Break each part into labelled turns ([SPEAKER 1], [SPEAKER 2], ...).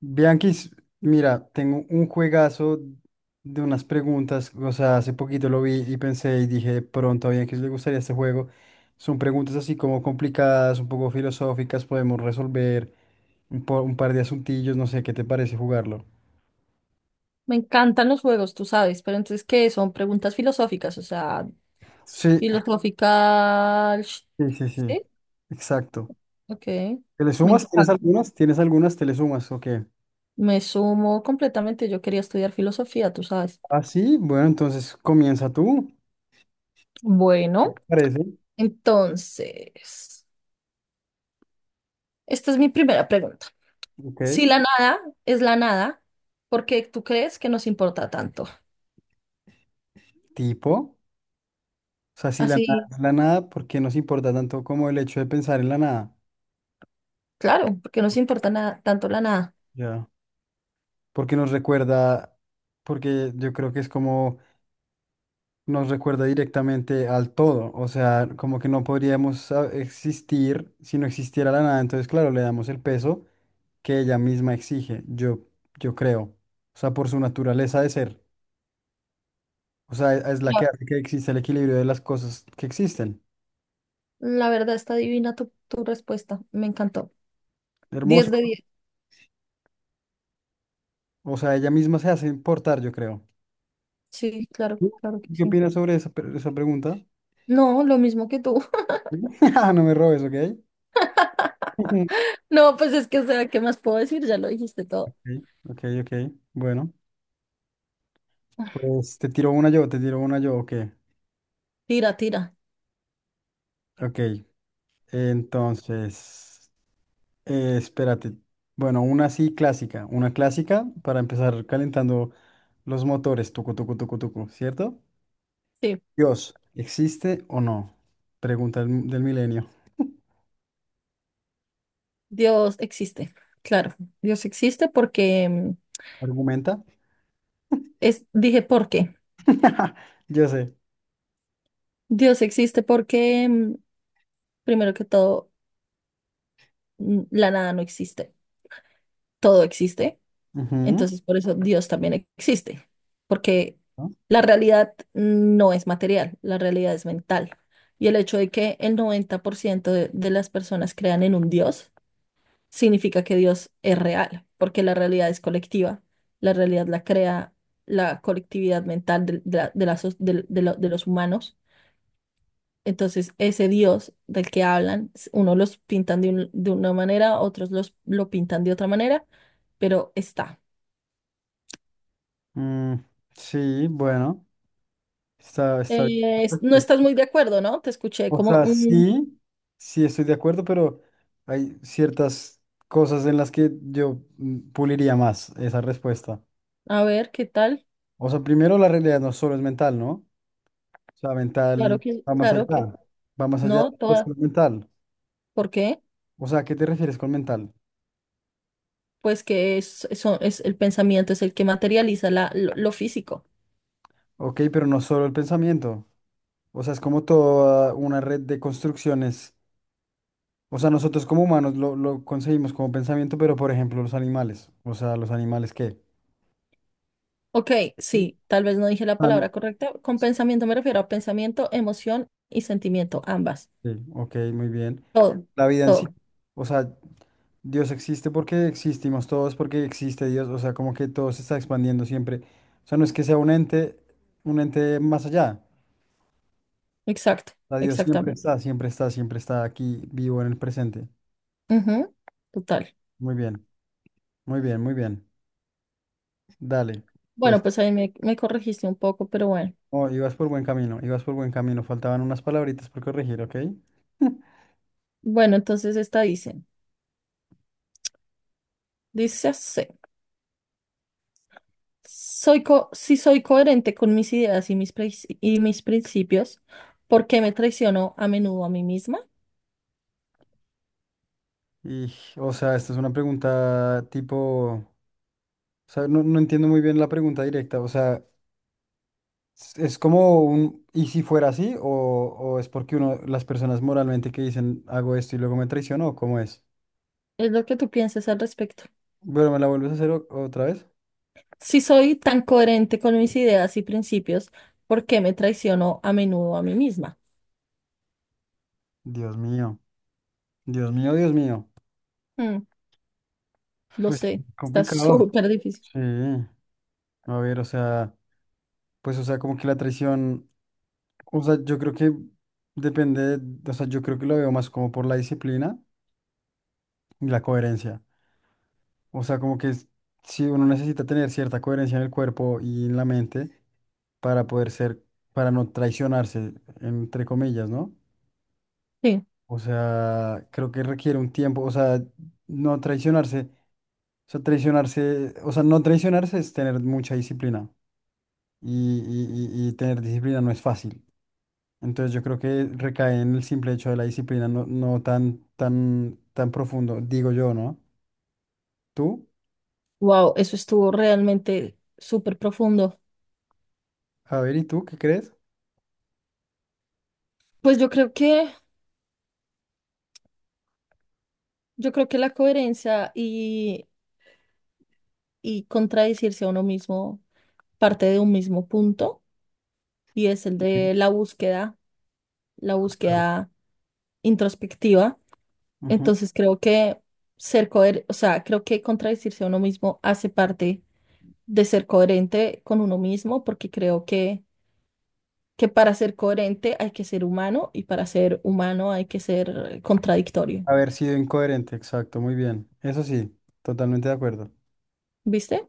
[SPEAKER 1] Bianquis, mira, tengo un juegazo de unas preguntas, o sea, hace poquito lo vi y pensé y dije, de pronto a Bianquis le gustaría este juego. Son preguntas así como complicadas, un poco filosóficas, podemos resolver un par de asuntillos, no sé, ¿qué te parece jugarlo?
[SPEAKER 2] Me encantan los juegos, tú sabes, pero entonces, ¿qué? Son preguntas filosóficas, o sea,
[SPEAKER 1] Sí,
[SPEAKER 2] filosófica.
[SPEAKER 1] sí, sí, sí,
[SPEAKER 2] Sí,
[SPEAKER 1] exacto.
[SPEAKER 2] ok.
[SPEAKER 1] ¿Te le
[SPEAKER 2] Me
[SPEAKER 1] sumas? ¿Tienes
[SPEAKER 2] encanta.
[SPEAKER 1] algunas? ¿Tienes algunas? ¿Te le sumas? Ok.
[SPEAKER 2] Me sumo completamente. Yo quería estudiar filosofía, tú sabes.
[SPEAKER 1] Ah, sí, bueno, entonces comienza tú. ¿Qué
[SPEAKER 2] Bueno,
[SPEAKER 1] te parece?
[SPEAKER 2] entonces, esta es mi primera pregunta.
[SPEAKER 1] Ok.
[SPEAKER 2] Si la nada es la nada, ¿por qué tú crees que nos importa tanto?
[SPEAKER 1] Tipo. O sea, si la nada
[SPEAKER 2] Así,
[SPEAKER 1] es la nada, ¿por qué nos importa tanto como el hecho de pensar en la nada?
[SPEAKER 2] claro, porque nos importa nada, tanto la nada.
[SPEAKER 1] Ya. Porque nos recuerda, porque yo creo que es como nos recuerda directamente al todo. O sea, como que no podríamos existir si no existiera la nada. Entonces, claro, le damos el peso que ella misma exige, yo creo. O sea, por su naturaleza de ser. O sea, es la que
[SPEAKER 2] Ya.
[SPEAKER 1] hace que exista el equilibrio de las cosas que existen.
[SPEAKER 2] La verdad está divina tu respuesta. Me encantó.
[SPEAKER 1] Hermoso.
[SPEAKER 2] Diez de 10.
[SPEAKER 1] O sea, ella misma se hace importar, yo creo.
[SPEAKER 2] Sí, claro,
[SPEAKER 1] ¿Tú
[SPEAKER 2] claro que
[SPEAKER 1] ¿Qué
[SPEAKER 2] sí.
[SPEAKER 1] opinas sobre esa pregunta?
[SPEAKER 2] No, lo mismo que tú.
[SPEAKER 1] No me robes, ¿ok?
[SPEAKER 2] No, pues es que, o sea, ¿qué más puedo decir? Ya lo dijiste todo.
[SPEAKER 1] Ok, ok, ok. Bueno, pues te tiro una yo, te tiro una yo, ok.
[SPEAKER 2] Tira, tira.
[SPEAKER 1] Ok, entonces, espérate. Bueno, una así clásica, una clásica para empezar calentando los motores, tucu, tucu, tucu, tucu, ¿cierto?
[SPEAKER 2] Sí,
[SPEAKER 1] Dios, ¿existe o no? Pregunta del milenio.
[SPEAKER 2] Dios existe. Claro, Dios existe porque
[SPEAKER 1] ¿Argumenta?
[SPEAKER 2] es, dije, ¿por qué?
[SPEAKER 1] Yo sé.
[SPEAKER 2] Dios existe porque, primero que todo, la nada no existe. Todo existe.
[SPEAKER 1] Ujú.
[SPEAKER 2] Entonces, por eso Dios también existe. Porque
[SPEAKER 1] ¿No?
[SPEAKER 2] la realidad no es material, la realidad es mental. Y el hecho de que el 90% de las personas crean en un Dios significa que Dios es real, porque la realidad es colectiva. La realidad la crea la colectividad mental de los humanos. Entonces, ese Dios del que hablan, unos los pintan de una manera, otros lo pintan de otra manera, pero está.
[SPEAKER 1] Mm, sí, bueno. Está bien.
[SPEAKER 2] No
[SPEAKER 1] Pues,
[SPEAKER 2] estás muy de acuerdo, ¿no? Te escuché
[SPEAKER 1] o
[SPEAKER 2] como:
[SPEAKER 1] sea,
[SPEAKER 2] "Mm".
[SPEAKER 1] sí, sí estoy de acuerdo, pero hay ciertas cosas en las que yo puliría más esa respuesta.
[SPEAKER 2] A ver, ¿qué tal?
[SPEAKER 1] O sea, primero la realidad no solo es mental, ¿no? O sea, mental va más allá,
[SPEAKER 2] Claro que
[SPEAKER 1] va más allá
[SPEAKER 2] no,
[SPEAKER 1] de
[SPEAKER 2] toda.
[SPEAKER 1] solo mental.
[SPEAKER 2] ¿Por qué?
[SPEAKER 1] O sea, ¿a qué te refieres con mental?
[SPEAKER 2] Pues que es el pensamiento es el que materializa la, lo físico.
[SPEAKER 1] Ok, pero no solo el pensamiento. O sea, es como toda una red de construcciones. O sea, nosotros como humanos lo conseguimos como pensamiento, pero por ejemplo los animales. O sea, los animales qué.
[SPEAKER 2] Ok, sí, tal vez no dije la palabra correcta. Con pensamiento me refiero a pensamiento, emoción y sentimiento, ambas.
[SPEAKER 1] Sí, ok, muy bien.
[SPEAKER 2] Todo,
[SPEAKER 1] La vida en sí,
[SPEAKER 2] todo.
[SPEAKER 1] o sea, Dios existe porque existimos todos, porque existe Dios, o sea, como que todo se está expandiendo siempre. O sea, no es que sea un ente más allá.
[SPEAKER 2] Exacto,
[SPEAKER 1] O sea, Dios siempre
[SPEAKER 2] exactamente.
[SPEAKER 1] está, siempre está, siempre está aquí vivo en el presente.
[SPEAKER 2] Ujú, total.
[SPEAKER 1] Muy bien, muy bien, muy bien. Dale,
[SPEAKER 2] Bueno,
[SPEAKER 1] pues,
[SPEAKER 2] pues ahí me corregiste un poco, pero bueno.
[SPEAKER 1] oh, ibas por buen camino, ibas por buen camino. Faltaban unas palabritas por corregir, ¿ok?
[SPEAKER 2] Bueno, entonces esta dice así. Si soy coherente con mis ideas y mis principios, ¿por qué me traiciono a menudo a mí misma?
[SPEAKER 1] Y, o sea, esta es una pregunta tipo, o sea, no entiendo muy bien la pregunta directa, o sea... Es como un, ¿y si fuera así? ¿O es porque uno, las personas moralmente que dicen, hago esto y luego me traiciono? ¿O cómo es?
[SPEAKER 2] Es lo que tú piensas al respecto.
[SPEAKER 1] Bueno, ¿me la vuelves a hacer otra vez?
[SPEAKER 2] Si soy tan coherente con mis ideas y principios, ¿por qué me traiciono a menudo a mí misma?
[SPEAKER 1] Dios mío, Dios mío, Dios mío.
[SPEAKER 2] Mm, lo
[SPEAKER 1] Pues
[SPEAKER 2] sé, está
[SPEAKER 1] complicado.
[SPEAKER 2] súper difícil.
[SPEAKER 1] Sí, a ver, o sea, pues o sea, como que la traición, o sea, yo creo que depende, o sea, yo creo que lo veo más como por la disciplina y la coherencia. O sea, como que si uno necesita tener cierta coherencia en el cuerpo y en la mente, para poder ser, para no traicionarse, entre comillas, ¿no?
[SPEAKER 2] Sí.
[SPEAKER 1] O sea, creo que requiere un tiempo, o sea, no traicionarse, o sea, traicionarse, o sea, no traicionarse es tener mucha disciplina y tener disciplina no es fácil. Entonces yo creo que recae en el simple hecho de la disciplina, no tan, tan, tan profundo, digo yo, ¿no? ¿Tú?
[SPEAKER 2] Wow, eso estuvo realmente súper profundo.
[SPEAKER 1] A ver, ¿y tú qué crees?
[SPEAKER 2] Pues yo creo que la coherencia y contradecirse a uno mismo parte de un mismo punto y es el
[SPEAKER 1] Sí,
[SPEAKER 2] de la
[SPEAKER 1] total.
[SPEAKER 2] búsqueda introspectiva.
[SPEAKER 1] Ujú.
[SPEAKER 2] Entonces creo que ser coherente, o sea, creo que contradecirse a uno mismo hace parte de ser coherente con uno mismo, porque creo que para ser coherente hay que ser humano y para ser humano hay que ser contradictorio.
[SPEAKER 1] Haber sido incoherente, exacto, muy bien. Eso sí, totalmente de acuerdo.
[SPEAKER 2] ¿Viste?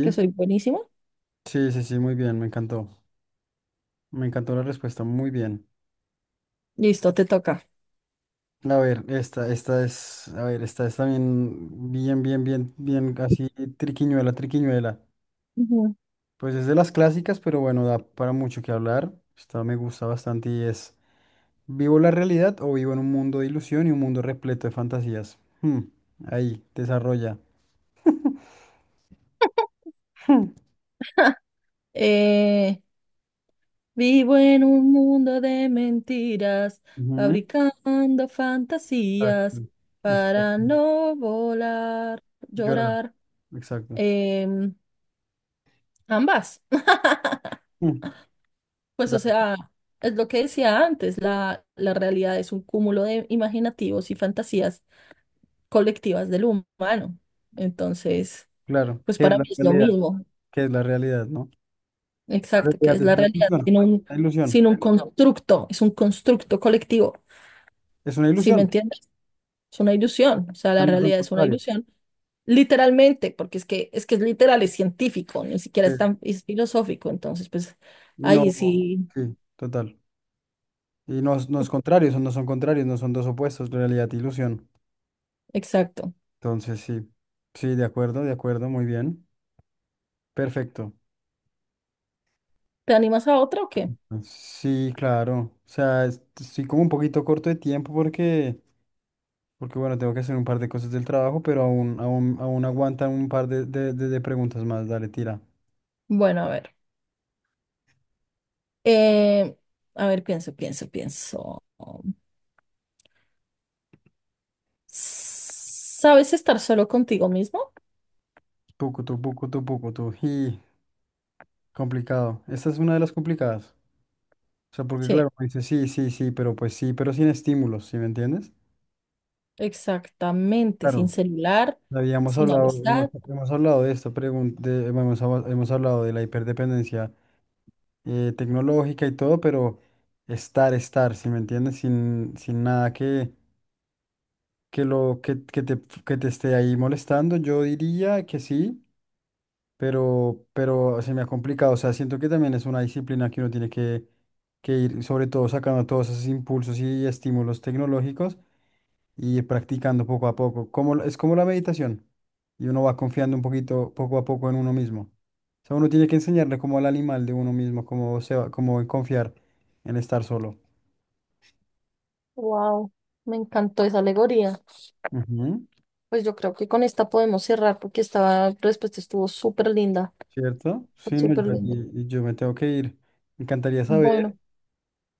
[SPEAKER 2] Que soy buenísimo.
[SPEAKER 1] Sí, sí, sí, muy bien, me encantó. Me encantó la respuesta, muy bien.
[SPEAKER 2] Listo, te toca.
[SPEAKER 1] A ver, esta es, a ver, esta es también bien, bien, bien, bien, así, triquiñuela, triquiñuela.
[SPEAKER 2] Ujú.
[SPEAKER 1] Pues es de las clásicas, pero bueno, da para mucho que hablar. Esta me gusta bastante y es, ¿vivo la realidad o vivo en un mundo de ilusión y un mundo repleto de fantasías? Hmm, ahí, desarrolla.
[SPEAKER 2] Eh, Vivo en un mundo de mentiras,
[SPEAKER 1] Ujú.
[SPEAKER 2] fabricando
[SPEAKER 1] Exacto.
[SPEAKER 2] fantasías
[SPEAKER 1] Exacto.
[SPEAKER 2] para no volar,
[SPEAKER 1] Llorar,
[SPEAKER 2] llorar.
[SPEAKER 1] exacto.
[SPEAKER 2] Em, Ambas.
[SPEAKER 1] Hmm,
[SPEAKER 2] Pues o
[SPEAKER 1] da-
[SPEAKER 2] sea, es lo que decía antes, la realidad es un cúmulo de imaginativos y fantasías colectivas del humano. Entonces,
[SPEAKER 1] claro,
[SPEAKER 2] pues
[SPEAKER 1] ¿qué es
[SPEAKER 2] para
[SPEAKER 1] la
[SPEAKER 2] mí es lo
[SPEAKER 1] realidad?
[SPEAKER 2] mismo,
[SPEAKER 1] ¿Qué es la realidad, no? La
[SPEAKER 2] exacto, que
[SPEAKER 1] realidad
[SPEAKER 2] es la
[SPEAKER 1] es
[SPEAKER 2] realidad, sin un,
[SPEAKER 1] una ilusión,
[SPEAKER 2] sin un constructo, es un constructo colectivo,
[SPEAKER 1] es una
[SPEAKER 2] ¿sí me
[SPEAKER 1] ilusión,
[SPEAKER 2] entiendes? Es una ilusión, o sea, la
[SPEAKER 1] no son
[SPEAKER 2] realidad es una
[SPEAKER 1] contrarios.
[SPEAKER 2] ilusión, literalmente, porque es que es literal, es científico, ni siquiera
[SPEAKER 1] Sí.
[SPEAKER 2] es filosófico, entonces pues
[SPEAKER 1] Y
[SPEAKER 2] ahí
[SPEAKER 1] no,
[SPEAKER 2] sí,
[SPEAKER 1] sí, total. Y no, no es contrario, no son contrarios, no son dos opuestos, realidad e ilusión.
[SPEAKER 2] exacto.
[SPEAKER 1] Entonces, sí, sí, de acuerdo, muy bien. Perfecto.
[SPEAKER 2] ¿Te animas a otra o qué?
[SPEAKER 1] Sí, claro. O sea, estoy como un poquito corto de tiempo porque, bueno, tengo que hacer un par de cosas del trabajo, pero aún, aún, aún aguantan un par de preguntas más. Dale, tira.
[SPEAKER 2] Bueno, a ver. Eh, a ver, pienso, pienso, pienso. ¿Sabes estar solo contigo mismo?
[SPEAKER 1] Tucu, tu, pucu, tu, pucu, tu. Y complicado. Esta es una de las complicadas. O sea, porque
[SPEAKER 2] Sí,
[SPEAKER 1] claro, me dice, sí, sí, sí, pero pues sí, pero sin estímulos, ¿sí me entiendes?
[SPEAKER 2] exactamente, sin
[SPEAKER 1] Claro,
[SPEAKER 2] celular,
[SPEAKER 1] habíamos
[SPEAKER 2] sin
[SPEAKER 1] hablado, hemos,
[SPEAKER 2] amistad.
[SPEAKER 1] hemos hablado de esta pregunta hemos hablado de la hiperdependencia tecnológica y todo, pero estar, ¿sí me entiendes? Sin nada que, que, lo, que te esté ahí molestando, yo diría que sí, pero se me ha complicado, o sea, siento que también es una disciplina que uno tiene que ir, sobre todo sacando todos esos impulsos y estímulos tecnológicos y ir practicando poco a poco. Es como la meditación. Y uno va confiando un poquito, poco a poco en uno mismo. O sea, uno tiene que enseñarle como al animal de uno mismo, cómo se va, cómo en confiar en estar solo.
[SPEAKER 2] Wow, me encantó esa alegoría.
[SPEAKER 1] Ujú.
[SPEAKER 2] Pues yo creo que con esta podemos cerrar porque esta respuesta estuvo súper linda,
[SPEAKER 1] ¿Cierto? Sí, no,
[SPEAKER 2] súper
[SPEAKER 1] yo,
[SPEAKER 2] linda.
[SPEAKER 1] y yo me tengo que ir. Me encantaría saber,
[SPEAKER 2] Bueno,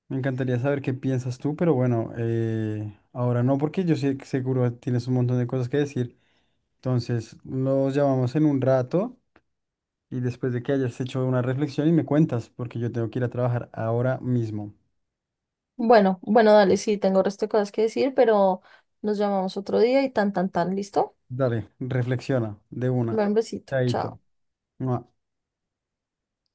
[SPEAKER 1] me encantaría saber qué piensas tú, pero bueno, ahora no, porque yo sé que seguro tienes un montón de cosas que decir. Entonces, los llamamos en un rato. Y después de que hayas hecho una reflexión y me cuentas, porque yo tengo que ir a trabajar ahora mismo.
[SPEAKER 2] bueno, bueno, dale, sí, tengo resto de cosas que decir, pero nos llamamos otro día y tan, tan, tan, ¿listo?
[SPEAKER 1] Dale, reflexiona de una.
[SPEAKER 2] Bueno, un besito,
[SPEAKER 1] Chaito.
[SPEAKER 2] chao.
[SPEAKER 1] Mua.